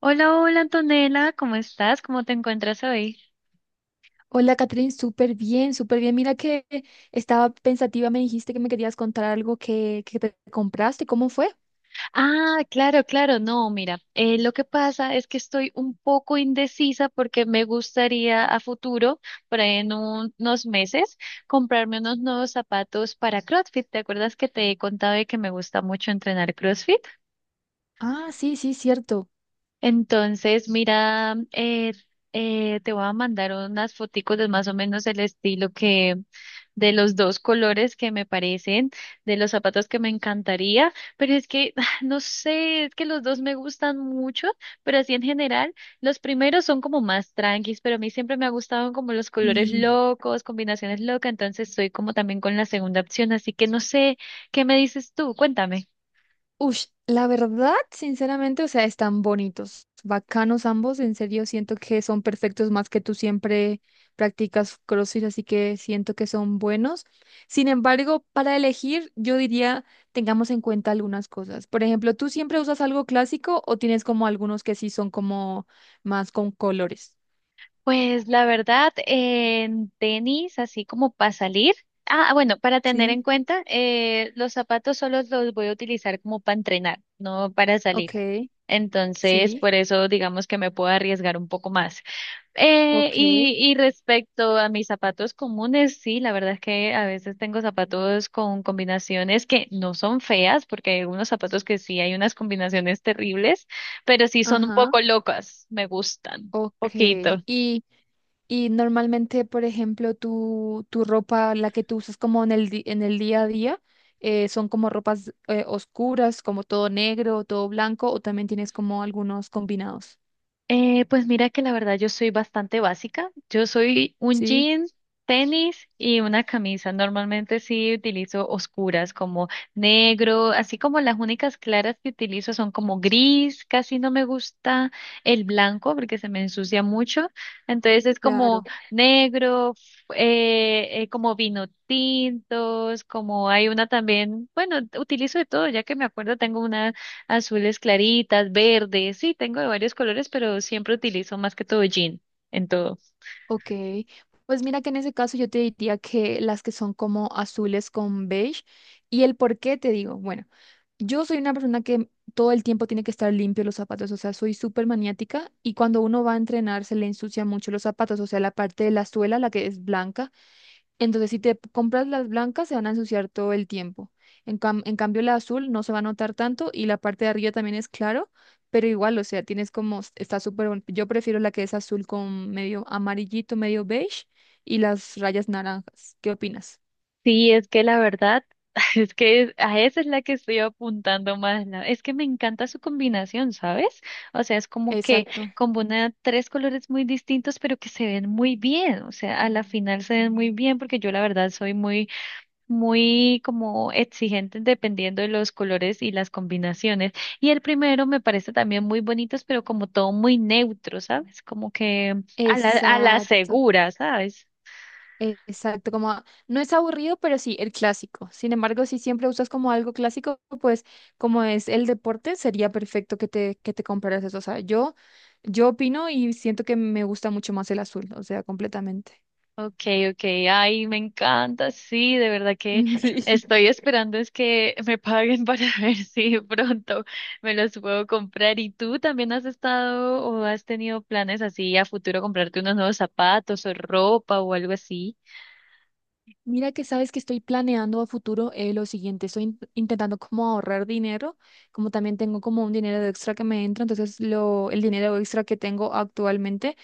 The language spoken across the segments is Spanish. Hola, hola Antonella, ¿cómo estás? ¿Cómo te encuentras hoy? Hola, Catherine, súper bien, súper bien. Mira que estaba pensativa, me dijiste que me querías contar algo que te compraste. ¿Cómo fue? Ah, claro, claro, no, mira, lo que pasa es que estoy un poco indecisa porque me gustaría a futuro, por ahí en unos meses, comprarme unos nuevos zapatos para CrossFit. ¿Te acuerdas que te he contado de que me gusta mucho entrenar CrossFit? Ah, sí, sí, cierto. Entonces, mira, te voy a mandar unas foticos de más o menos el estilo que de los dos colores que me parecen, de los zapatos que me encantaría, pero es que no sé, es que los dos me gustan mucho, pero así en general, los primeros son como más tranquis, pero a mí siempre me ha gustado como los colores Sí. locos, combinaciones locas, entonces estoy como también con la segunda opción, así que no sé, ¿qué me dices tú? Cuéntame. Ush, la verdad, sinceramente, o sea, están bonitos, bacanos ambos, en serio, siento que son perfectos más que tú siempre practicas CrossFit, así que siento que son buenos. Sin embargo, para elegir, yo diría, tengamos en cuenta algunas cosas. Por ejemplo, ¿tú siempre usas algo clásico o tienes como algunos que sí son como más con colores? Pues la verdad, en tenis, así como para salir. Ah, bueno, para tener Sí, en cuenta, los zapatos solo los voy a utilizar como para entrenar, no para salir. ok, Entonces, sí, por eso digamos que me puedo arriesgar un poco más. Eh, y, ok, y respecto a mis zapatos comunes, sí, la verdad es que a veces tengo zapatos con combinaciones que no son feas, porque hay unos zapatos que sí hay unas combinaciones terribles, pero sí son un ajá. poco locas, me gustan, Ok. poquito. Y, y normalmente, por ejemplo, tu ropa, la que tú usas como en el día a día, son como ropas oscuras, como todo negro, todo blanco, o también tienes como algunos combinados. Pues mira que la verdad yo soy bastante básica. Yo soy un Sí, jean, tenis y una camisa. Normalmente sí utilizo oscuras como negro, así como las únicas claras que utilizo son como gris. Casi no me gusta el blanco porque se me ensucia mucho. Entonces es como claro. negro, como vino tintos, como hay una también, bueno, utilizo de todo, ya que me acuerdo tengo una azules claritas, verdes, sí, tengo de varios colores, pero siempre utilizo más que todo jean en todo. Ok, pues mira que en ese caso yo te diría que las que son como azules con beige. ¿Y el por qué te digo? Bueno, yo soy una persona que todo el tiempo tiene que estar limpio los zapatos, o sea, soy súper maniática y cuando uno va a entrenar se le ensucia mucho los zapatos, o sea, la parte de la suela, la que es blanca, entonces, si te compras las blancas, se van a ensuciar todo el tiempo. En cambio, la azul no se va a notar tanto y la parte de arriba también es claro, pero igual, o sea, tienes como, yo prefiero la que es azul con medio amarillito, medio beige y las rayas naranjas. ¿Qué opinas? Sí, es que la verdad, es que a esa es la que estoy apuntando más. Es que me encanta su combinación, ¿sabes? O sea, es como que Exacto. combina tres colores muy distintos, pero que se ven muy bien. O sea, a la final se ven muy bien porque yo la verdad soy muy muy como exigentes dependiendo de los colores y las combinaciones. Y el primero me parece también muy bonitos pero como todo muy neutro, ¿sabes? Como que a la Exacto. segura, ¿sabes? Exacto, como no es aburrido, pero sí el clásico. Sin embargo, si siempre usas como algo clásico, pues como es el deporte, sería perfecto que que te compraras eso. O sea, yo opino y siento que me gusta mucho más el azul, o sea, completamente. Okay, okay, ay, me encanta, sí, de verdad que Sí. estoy esperando es que me paguen para ver si de pronto me los puedo comprar. ¿Y tú también has estado o has tenido planes así a futuro comprarte unos nuevos zapatos o ropa o algo así? Mira que sabes que estoy planeando a futuro lo siguiente, estoy intentando como ahorrar dinero, como también tengo como un dinero extra que me entra, entonces el dinero extra que tengo actualmente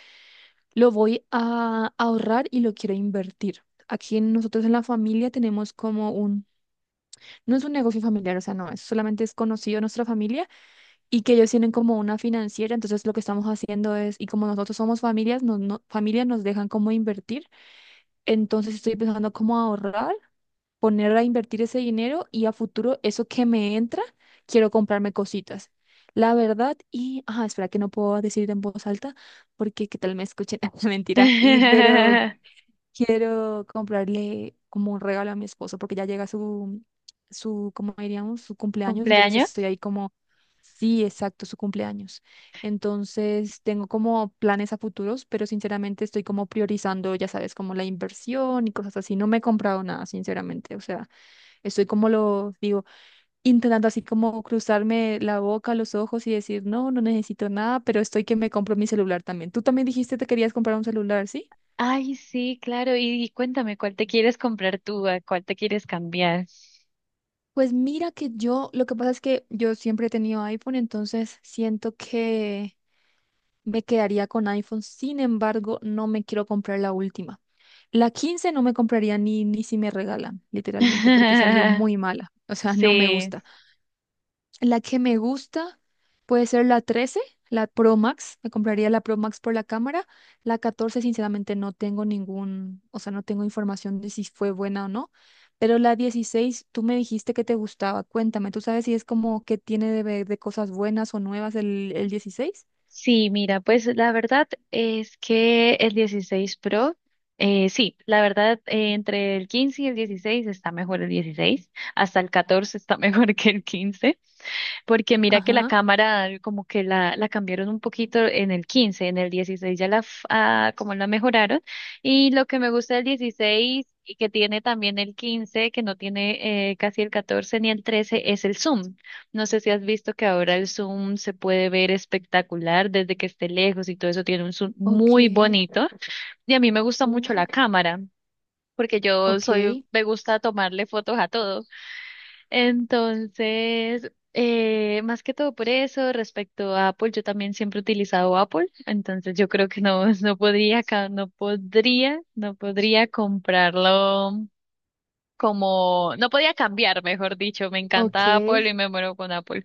lo voy a ahorrar y lo quiero invertir. Aquí nosotros en la familia tenemos como no es un negocio familiar, o sea, no, es solamente es conocido en nuestra familia y que ellos tienen como una financiera, entonces lo que estamos haciendo es, y como nosotros somos familias, nos, no, familia nos dejan como invertir, entonces estoy pensando cómo ahorrar, poner a invertir ese dinero y a futuro eso que me entra, quiero comprarme cositas. La verdad, y, ah, espera que no puedo decir en voz alta porque qué tal me escuchen, mentira, y pero quiero comprarle como un regalo a mi esposo porque ya llega su, ¿cómo diríamos? Su cumpleaños. Entonces estoy ¿Cumpleaños? ahí como, sí, exacto, su cumpleaños. Entonces tengo como planes a futuros, pero sinceramente estoy como priorizando, ya sabes, como la inversión y cosas así. No me he comprado nada, sinceramente. O sea, estoy como lo digo, intentando así como cruzarme la boca, los ojos y decir, no, no necesito nada, pero estoy que me compro mi celular también. Tú también dijiste que te querías comprar un celular, ¿sí? Ay, sí, claro. Y cuéntame, ¿cuál te quieres comprar tú? ¿A cuál te quieres cambiar? Pues mira que yo, lo que pasa es que yo siempre he tenido iPhone, entonces siento que me quedaría con iPhone. Sin embargo, no me quiero comprar la última. La 15 no me compraría ni si me regalan, literalmente, porque salió muy mala. O sea, no me Sí, gusta. La que me gusta puede ser la 13, la Pro Max. Me compraría la Pro Max por la cámara. La 14 sinceramente, no tengo ningún, o sea, no tengo información de si fue buena o no. Pero la 16 tú me dijiste que te gustaba. Cuéntame, ¿tú sabes si es como que tiene de, de cosas buenas o nuevas el 16? sí, mira, pues la verdad es que el 16 Pro, sí, la verdad entre el 15 y el 16 está mejor el 16, hasta el 14 está mejor que el 15. Porque mira que la Ajá, cámara como que la cambiaron un poquito en el 15, en el 16 ya la como la mejoraron. Y lo que me gusta del 16 y que tiene también el 15, que no tiene casi el 14 ni el 13, es el zoom. No sé si has visto que ahora el zoom se puede ver espectacular desde que esté lejos y todo eso tiene un zoom ok. muy bonito. Y a mí me gusta mucho Uh, la cámara. Porque yo ok, soy, me gusta tomarle fotos a todo. Entonces, más que todo por eso, respecto a Apple, yo también siempre he utilizado Apple, entonces yo creo que no, no podría, no podría, no podría comprarlo como, no podía cambiar, mejor dicho, me encanta Apple ok. y me muero con Apple.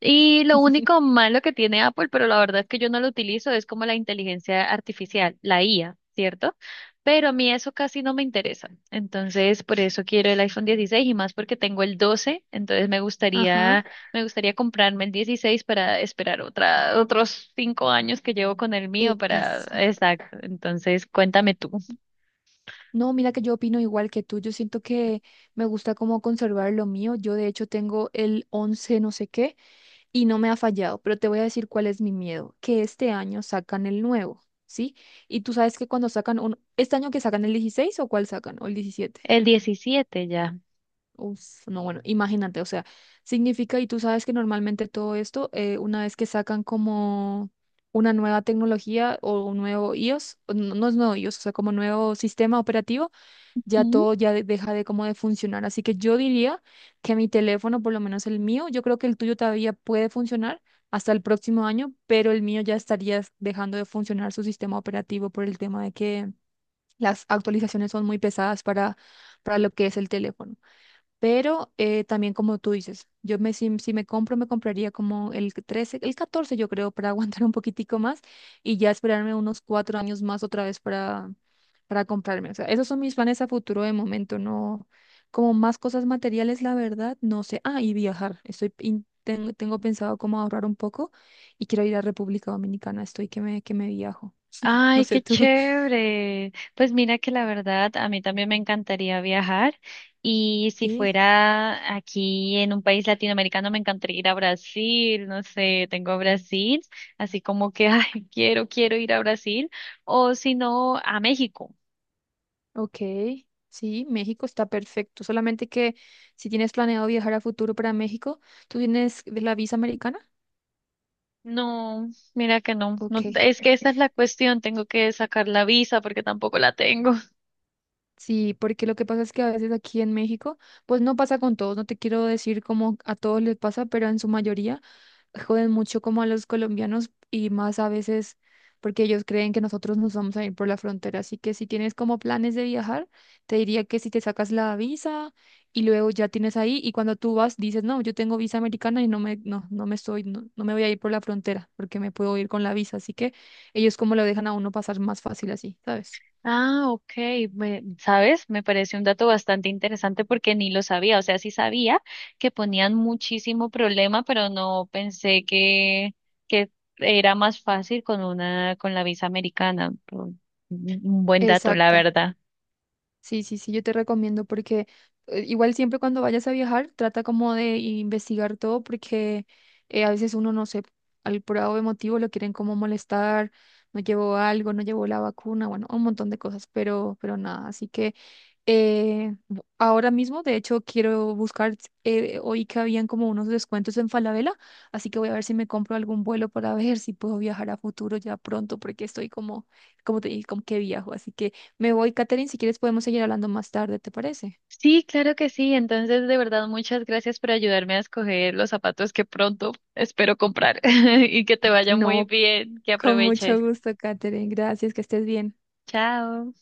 Y lo único malo que tiene Apple, pero la verdad es que yo no lo utilizo, es como la inteligencia artificial, la IA, ¿cierto? Pero a mí eso casi no me interesa. Entonces, por eso quiero el iPhone 16 y más porque tengo el 12, entonces Ajá, me gustaría comprarme el 16 para esperar otros 5 años que llevo con el mío para, esa. exacto. Entonces, cuéntame tú. No, mira que yo opino igual que tú. Yo siento que me gusta como conservar lo mío. Yo de hecho tengo el 11, no sé qué y no me ha fallado, pero te voy a decir cuál es mi miedo, que este año sacan el nuevo, ¿sí? Y tú sabes que cuando sacan un... ¿Este año que sacan el 16 o cuál sacan? ¿O el 17? El 17 ya. Uf, no, bueno, imagínate, o sea, significa, y tú sabes que normalmente todo esto, una vez que sacan como una nueva tecnología o un nuevo iOS, o no, no es nuevo iOS, o sea, como nuevo sistema operativo ya todo ya deja de como de funcionar. Así que yo diría que mi teléfono, por lo menos el mío, yo creo que el tuyo todavía puede funcionar hasta el próximo año, pero el mío ya estaría dejando de funcionar su sistema operativo por el tema de que las actualizaciones son muy pesadas para lo que es el teléfono. Pero también como tú dices, si me compro, me compraría como el 13, el 14 yo creo, para aguantar un poquitico más y ya esperarme unos 4 años más otra vez para comprarme. O sea, esos son mis planes a futuro de momento, no como más cosas materiales, la verdad, no sé. Ah, y viajar. Tengo pensado cómo ahorrar un poco y quiero ir a República Dominicana, estoy que me viajo. No Ay, sé qué tú. chévere. Pues mira que la verdad, a mí también me encantaría viajar y si fuera aquí en un país latinoamericano, me encantaría ir a Brasil, no sé, tengo a Brasil, así como que, ay, quiero, quiero ir a Brasil o si no, a México. Ok, sí, México está perfecto. Solamente que si tienes planeado viajar a futuro para México, ¿tú tienes de la visa americana? No, mira que no, Ok, no, es que esa es la cuestión, tengo que sacar la visa porque tampoco la tengo. sí, porque lo que pasa es que a veces aquí en México, pues no pasa con todos, no te quiero decir como a todos les pasa, pero en su mayoría joden mucho como a los colombianos y más a veces porque ellos creen que nosotros nos vamos a ir por la frontera. Así que si tienes como planes de viajar, te diría que si te sacas la visa y luego ya tienes ahí y cuando tú vas dices, no, yo tengo visa americana y no me, no, no me estoy, no, no me voy a ir por la frontera porque me puedo ir con la visa. Así que ellos como lo dejan a uno pasar más fácil así, ¿sabes? Ah, ok. ¿Sabes? Me parece un dato bastante interesante porque ni lo sabía. O sea, sí sabía que ponían muchísimo problema, pero no pensé que era más fácil con una, con la visa americana. Pero un buen dato, la Exacto. verdad. Sí, sí, sí, yo te recomiendo porque igual siempre cuando vayas a viajar trata como de investigar todo porque a veces uno no sé, al por de motivo lo quieren como molestar, no llevó algo, no llevó la vacuna, bueno, un montón de cosas, pero nada, así que ahora mismo de hecho quiero buscar, oí que habían como unos descuentos en Falabella, así que voy a ver si me compro algún vuelo para ver si puedo viajar a futuro ya pronto porque estoy como, como te dije, como que viajo, así que... Me voy, Katherine, si quieres podemos seguir hablando más tarde, ¿te parece? Sí, claro que sí. Entonces, de verdad, muchas gracias por ayudarme a escoger los zapatos que pronto espero comprar y que te vaya muy No, bien, que con mucho aproveches. gusto, Katherine. Gracias, que estés bien. Chao.